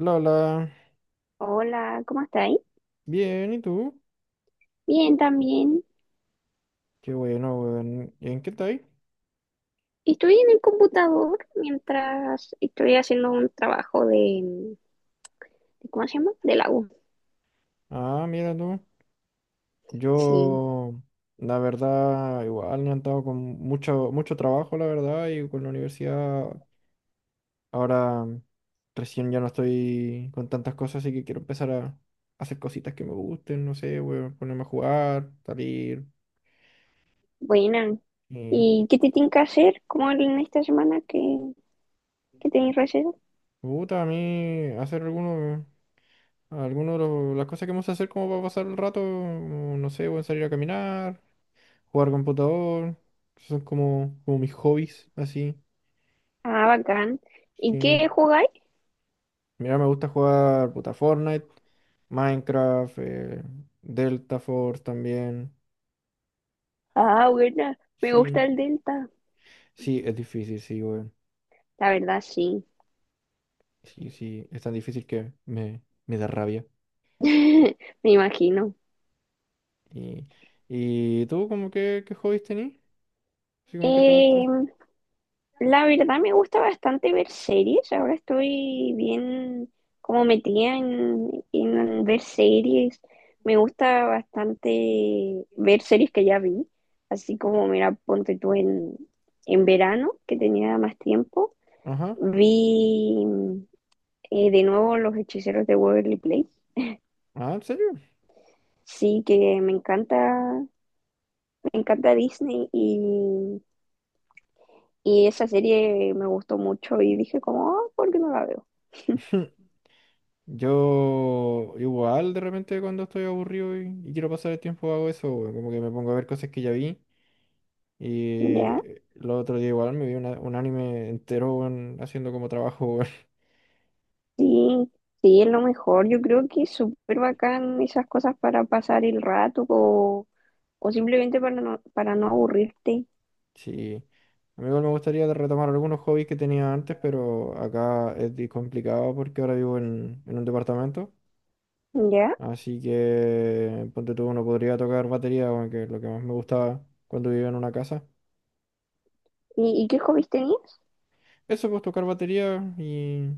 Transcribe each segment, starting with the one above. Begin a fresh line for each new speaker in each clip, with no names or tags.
La, la.
Hola, ¿cómo estáis?
Bien, ¿y tú?
Bien, también.
Qué bueno, weón. ¿Y en qué estáis?
Estoy en el computador mientras estoy haciendo un trabajo de- ¿cómo se llama? De la U.
Ah, mira tú.
Sí,
Yo, la verdad, igual he andado con mucho trabajo, la verdad, y con la universidad. Ahora, recién ya no estoy con tantas cosas, así que quiero empezar a hacer cositas que me gusten, no sé, weón, ponerme a jugar, salir.
buena.
Y me
¿Y qué te tienen que hacer? ¿Cómo en esta semana que, tenéis receso?
gusta a mí hacer algunos de las cosas que vamos a hacer como para pasar el rato, como, no sé, weón, salir a caminar, jugar computador. Esos son como mis hobbies, así.
Ah, bacán. ¿Y
Sí.
qué jugáis?
Mira, me gusta jugar puta Fortnite, Minecraft, Delta Force también.
Ah, buena. Me
Sí,
gusta el Delta.
sí, es difícil, sí, güey.
La verdad, sí.
Sí, sí, es tan difícil que me da rabia.
Me imagino.
¿Y, y tú, como que, ¿qué hobbies tenés? Así como que te gusta.
La verdad me gusta bastante ver series, ahora estoy bien como metida en ver series, me gusta bastante ver series que ya vi, así como mira, ponte tú en verano, que tenía más tiempo,
Ajá.
vi de nuevo Los Hechiceros de Waverly Place,
Ah, ¿en serio?
sí que me encanta Disney y esa serie me gustó mucho y dije como, "Ah, ¿por qué no la veo?"
Yo igual de repente cuando estoy aburrido y quiero pasar el tiempo hago eso, güey, como que me pongo a ver cosas que ya vi. Y
Ya.
el otro día igual me vi un anime entero, weón, haciendo como trabajo, weón.
Sí, sí, es lo mejor. Yo creo que es súper bacán esas cosas para pasar el rato o simplemente para no aburrirte,
Sí. A mí igual me gustaría retomar algunos hobbies que tenía antes, pero acá es complicado porque ahora vivo en un departamento.
¿ya?
Así que, ponte tú, uno podría tocar batería, weón, que es lo que más me gustaba cuando vivía en una casa.
Y qué hobbies tenías?
Eso, pues tocar batería y…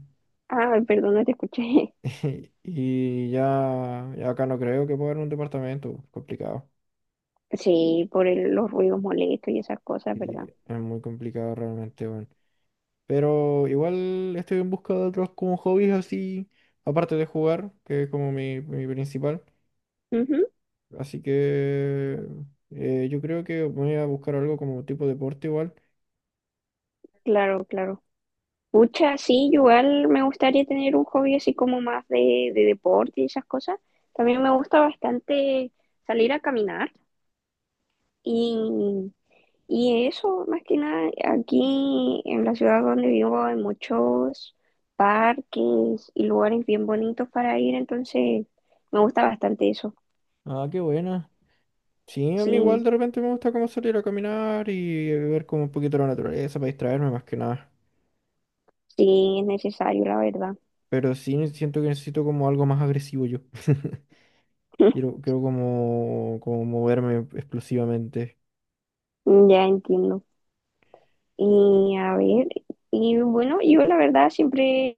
Ah, perdón, no te escuché.
Y ya, ya acá no creo que pueda en un departamento, complicado.
Sí, por el- los ruidos molestos y esas cosas,
Y
¿verdad?
es muy complicado realmente, weón. Pero igual estoy en busca de otros como hobbies así, aparte de jugar, que es como mi principal.
Ujú,
Así que yo creo que voy a buscar algo como tipo deporte igual.
claro, claro. Pucha, sí, yo igual me gustaría tener un hobby así como más de deporte y esas cosas. También me gusta bastante salir a caminar y Y eso, más que nada, aquí en la ciudad donde vivo hay muchos parques y lugares bien bonitos para ir, entonces me gusta bastante eso.
Ah, qué buena. Sí, a mí
Sí,
igual de repente me gusta como salir a caminar y ver como un poquito la naturaleza para distraerme más que nada.
sí, es necesario, la verdad.
Pero sí siento que necesito como algo más agresivo yo. Quiero como moverme explosivamente.
Ya entiendo. Y a ver, y bueno, yo la verdad siempre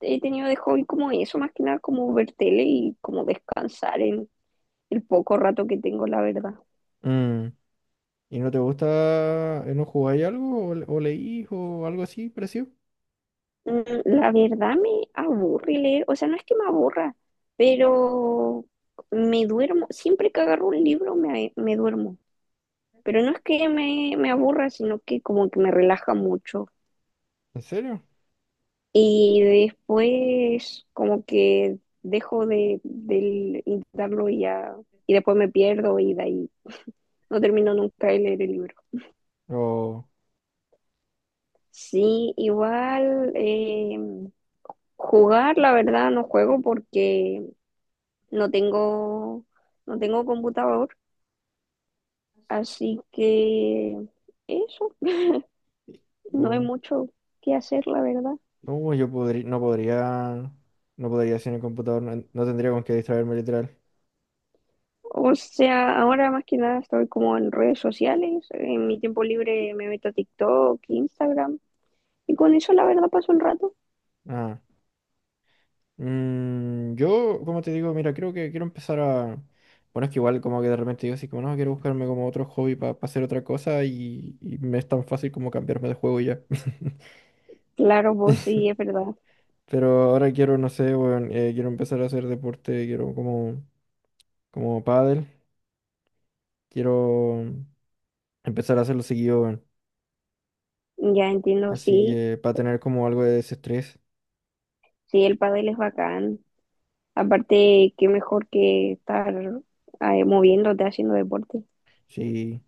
he tenido de hobby como eso, más que nada como ver tele y como descansar en el poco rato que tengo, la verdad.
Mm. ¿Y no te gusta, no jugáis algo o o leís o algo así parecido?
Mm, la verdad me aburre leer, o sea, no es que me aburra, pero me duermo, siempre que agarro un libro me duermo, pero no es que me aburra, sino que como que me relaja mucho.
¿En serio?
Y después como que dejo de intentarlo y ya, y después me pierdo y de ahí no termino nunca de leer el libro.
O,
Sí, igual jugar, la verdad, no juego porque no tengo, no tengo computador, así que eso, no hay
o-
mucho que hacer, la verdad.
no, yo podría, no podría, no podría hacer en el computador, no, no tendría con qué distraerme literal.
O sea, ahora más que nada estoy como en redes sociales, en mi tiempo libre me meto a TikTok, Instagram, y con eso la verdad paso el rato.
Ah, yo, como te digo, mira, creo que quiero empezar a… Bueno, es que igual como que de repente digo así como, no, quiero buscarme como otro hobby para hacer otra cosa y me es tan fácil como cambiarme de juego y ya.
Claro, vos sí, es verdad.
Pero ahora quiero, no sé, weón, quiero empezar a hacer deporte, quiero como pádel, quiero empezar a hacerlo seguido, weón.
Ya entiendo,
Así
sí,
que para tener como algo de desestrés.
sí, el pádel es bacán. Aparte, qué mejor que estar moviéndote, haciendo deporte.
Sí.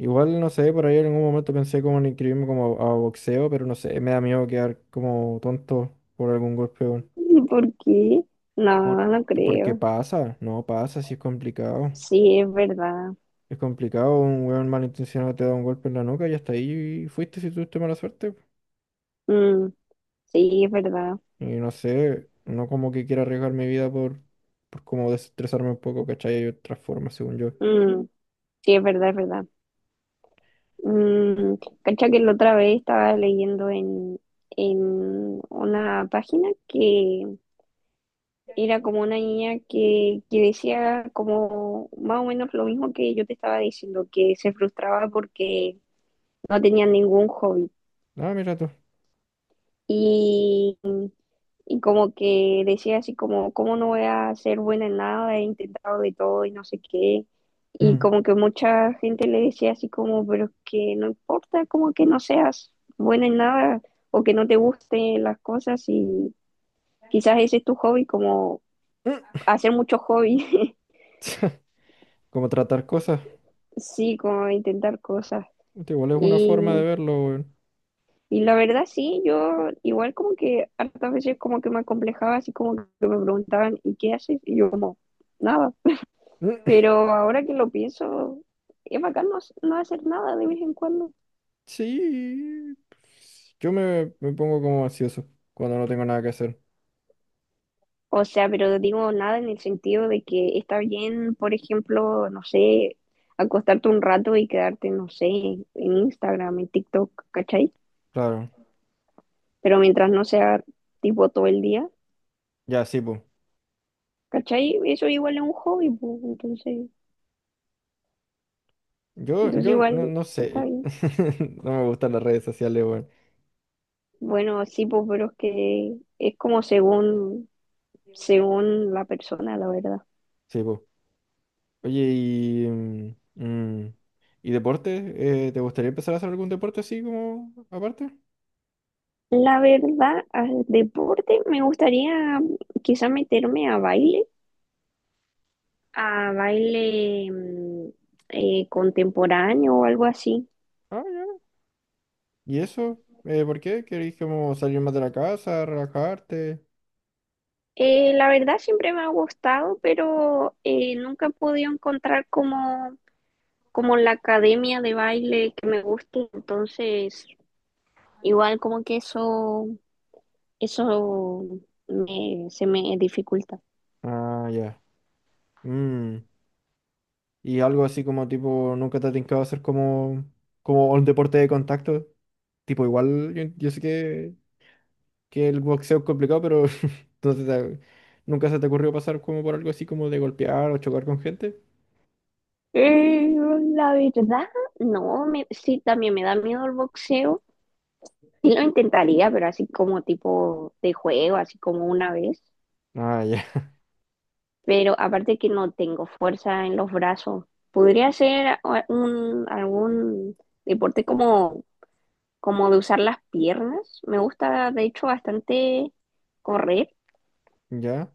Igual, no sé, por ahí en algún momento pensé como en inscribirme como a boxeo, pero no sé, me da miedo quedar como tonto por algún golpe, weón.
¿Por qué? No,
Por,
no
porque
creo.
pasa, no pasa, si es complicado.
Sí, es verdad.
Es complicado, un weón malintencionado te da un golpe en la nuca y hasta ahí fuiste si tuviste mala suerte.
Mm, sí, es verdad.
Y no sé, no como que quiera arriesgar mi vida por como desestresarme un poco, ¿cachai? Hay otras formas, según yo.
Mm, sí, es verdad, es verdad. Mm, cacha que la otra vez estaba leyendo en una página que era como una niña que decía como más o menos lo mismo que yo te estaba diciendo, que se frustraba porque no tenía ningún hobby.
Ah, mira tú.
Y como que decía así como, ¿cómo no voy a ser buena en nada? He intentado de todo y no sé qué. Y
Mm.
como que mucha gente le decía así como, pero es que no importa, como que no seas buena en nada o que no te gusten las cosas y quizás ese es tu hobby, como
Mm.
hacer muchos hobbies,
Como tratar cosas.
sí, como intentar cosas.
Puta, igual es una
Y,
forma de verlo, weón.
y la verdad sí, yo igual como que hartas veces como que me acomplejaba así como que me preguntaban, ¿y qué haces? Y yo como, nada.
Mm.
Pero ahora que lo pienso, es bacán no, hac- no hacer nada de vez en cuando.
Sí, pues. Yo me pongo como ansioso cuando no tengo nada que hacer.
O sea, pero digo nada en el sentido de que está bien, por ejemplo, no sé, acostarte un rato y quedarte, no sé, en Instagram, en TikTok, ¿cachai?
Claro.
Pero mientras no sea tipo todo el día,
Ya, sí, pues.
¿cachai? Eso igual es un hobby, pues, entonces,
Yo,
entonces
yo no,
igual
no
está
sé.
bien.
No me gustan las redes sociales, weón.
Bueno, sí, pues, pero es que es como según, según la persona, la verdad.
Sí, pues. Oye, y ¿y deporte? ¿Te gustaría empezar a hacer algún deporte así como aparte?
La verdad, al deporte me gustaría quizá meterme a baile contemporáneo o algo así.
Ah, ya. ¿Y eso? ¿Por qué? ¿Querés como salir más de la casa, relajarte?
La verdad siempre me ha gustado, pero nunca he podido encontrar como, como la academia de baile que me guste. Entonces, igual como que eso me- se me dificulta.
Ah, ya. Mm, ¿y algo así como tipo, nunca te ha tincado hacer como un deporte de contacto? Tipo, igual yo, yo sé que el boxeo es complicado, pero entonces, ¿nunca se te ocurrió pasar como por algo así como de golpear o chocar con gente?
Eh, la verdad, no, me, sí, también me da miedo el boxeo. Sí lo intentaría, pero así como tipo de juego, así como una vez.
Ah, ya.
Pero aparte que no tengo fuerza en los brazos. Podría ser a- un, algún deporte como, como de usar las piernas. Me gusta, de hecho, bastante correr.
¿Ya?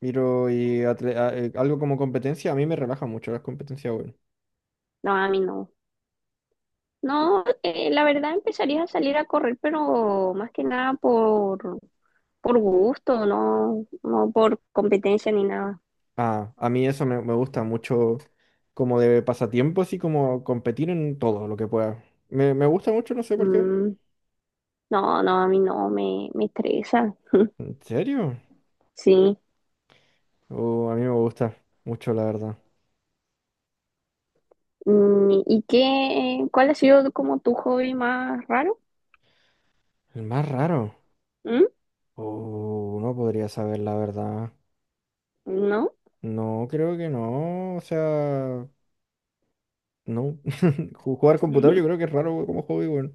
Miro y algo como competencia, a mí me relaja mucho las competencias, bueno.
No, a mí no. No, la verdad empezaría a salir a correr, pero más que nada por, por gusto, no, no por competencia ni nada.
Ah, a mí eso me gusta mucho como de pasatiempo, así como competir en todo lo que pueda. Me gusta mucho, no sé por qué.
Mm, no, no, a mí no, me estresa.
¿En serio?
Sí,
Oh, a mí me gusta mucho, la verdad.
mm, ¿y qué, cuál ha sido como tu hobby más raro?
El más raro.
¿Mm?
Oh, no podría saber, la verdad.
¿No?
No, creo que no. O sea, no. Jugar computador yo creo que es raro como hobby, bueno.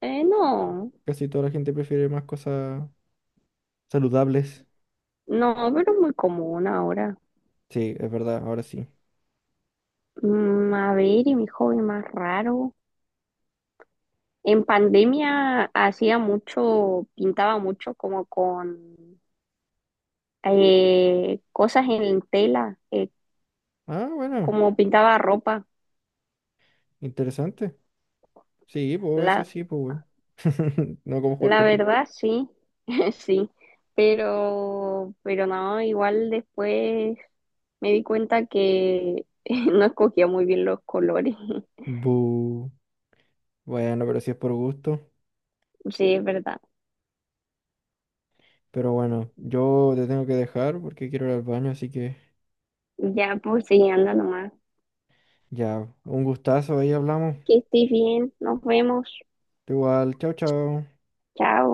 No,
Casi toda la gente prefiere más cosas saludables.
no, pero es muy común ahora.
Sí, es verdad, ahora sí.
Mm, a ver, ¿y mi hobby más raro? En pandemia hacía mucho, pintaba mucho como con cosas en tela,
Ah, bueno,
como pintaba ropa.
interesante. Sí, pues eso
La,
sí, pues, weón. No como jugar
la
con…
verdad, sí, sí, pero no, igual después. Me di cuenta que no escogía muy bien los colores.
Bu. Bueno, pero si es por gusto.
Sí, es verdad.
Pero bueno, yo te tengo que dejar porque quiero ir al baño, así que
Ya, pues, sí, anda nomás.
ya, un gustazo, ahí hablamos.
Que estés bien. Nos vemos.
Igual, chao, chao.
Chao.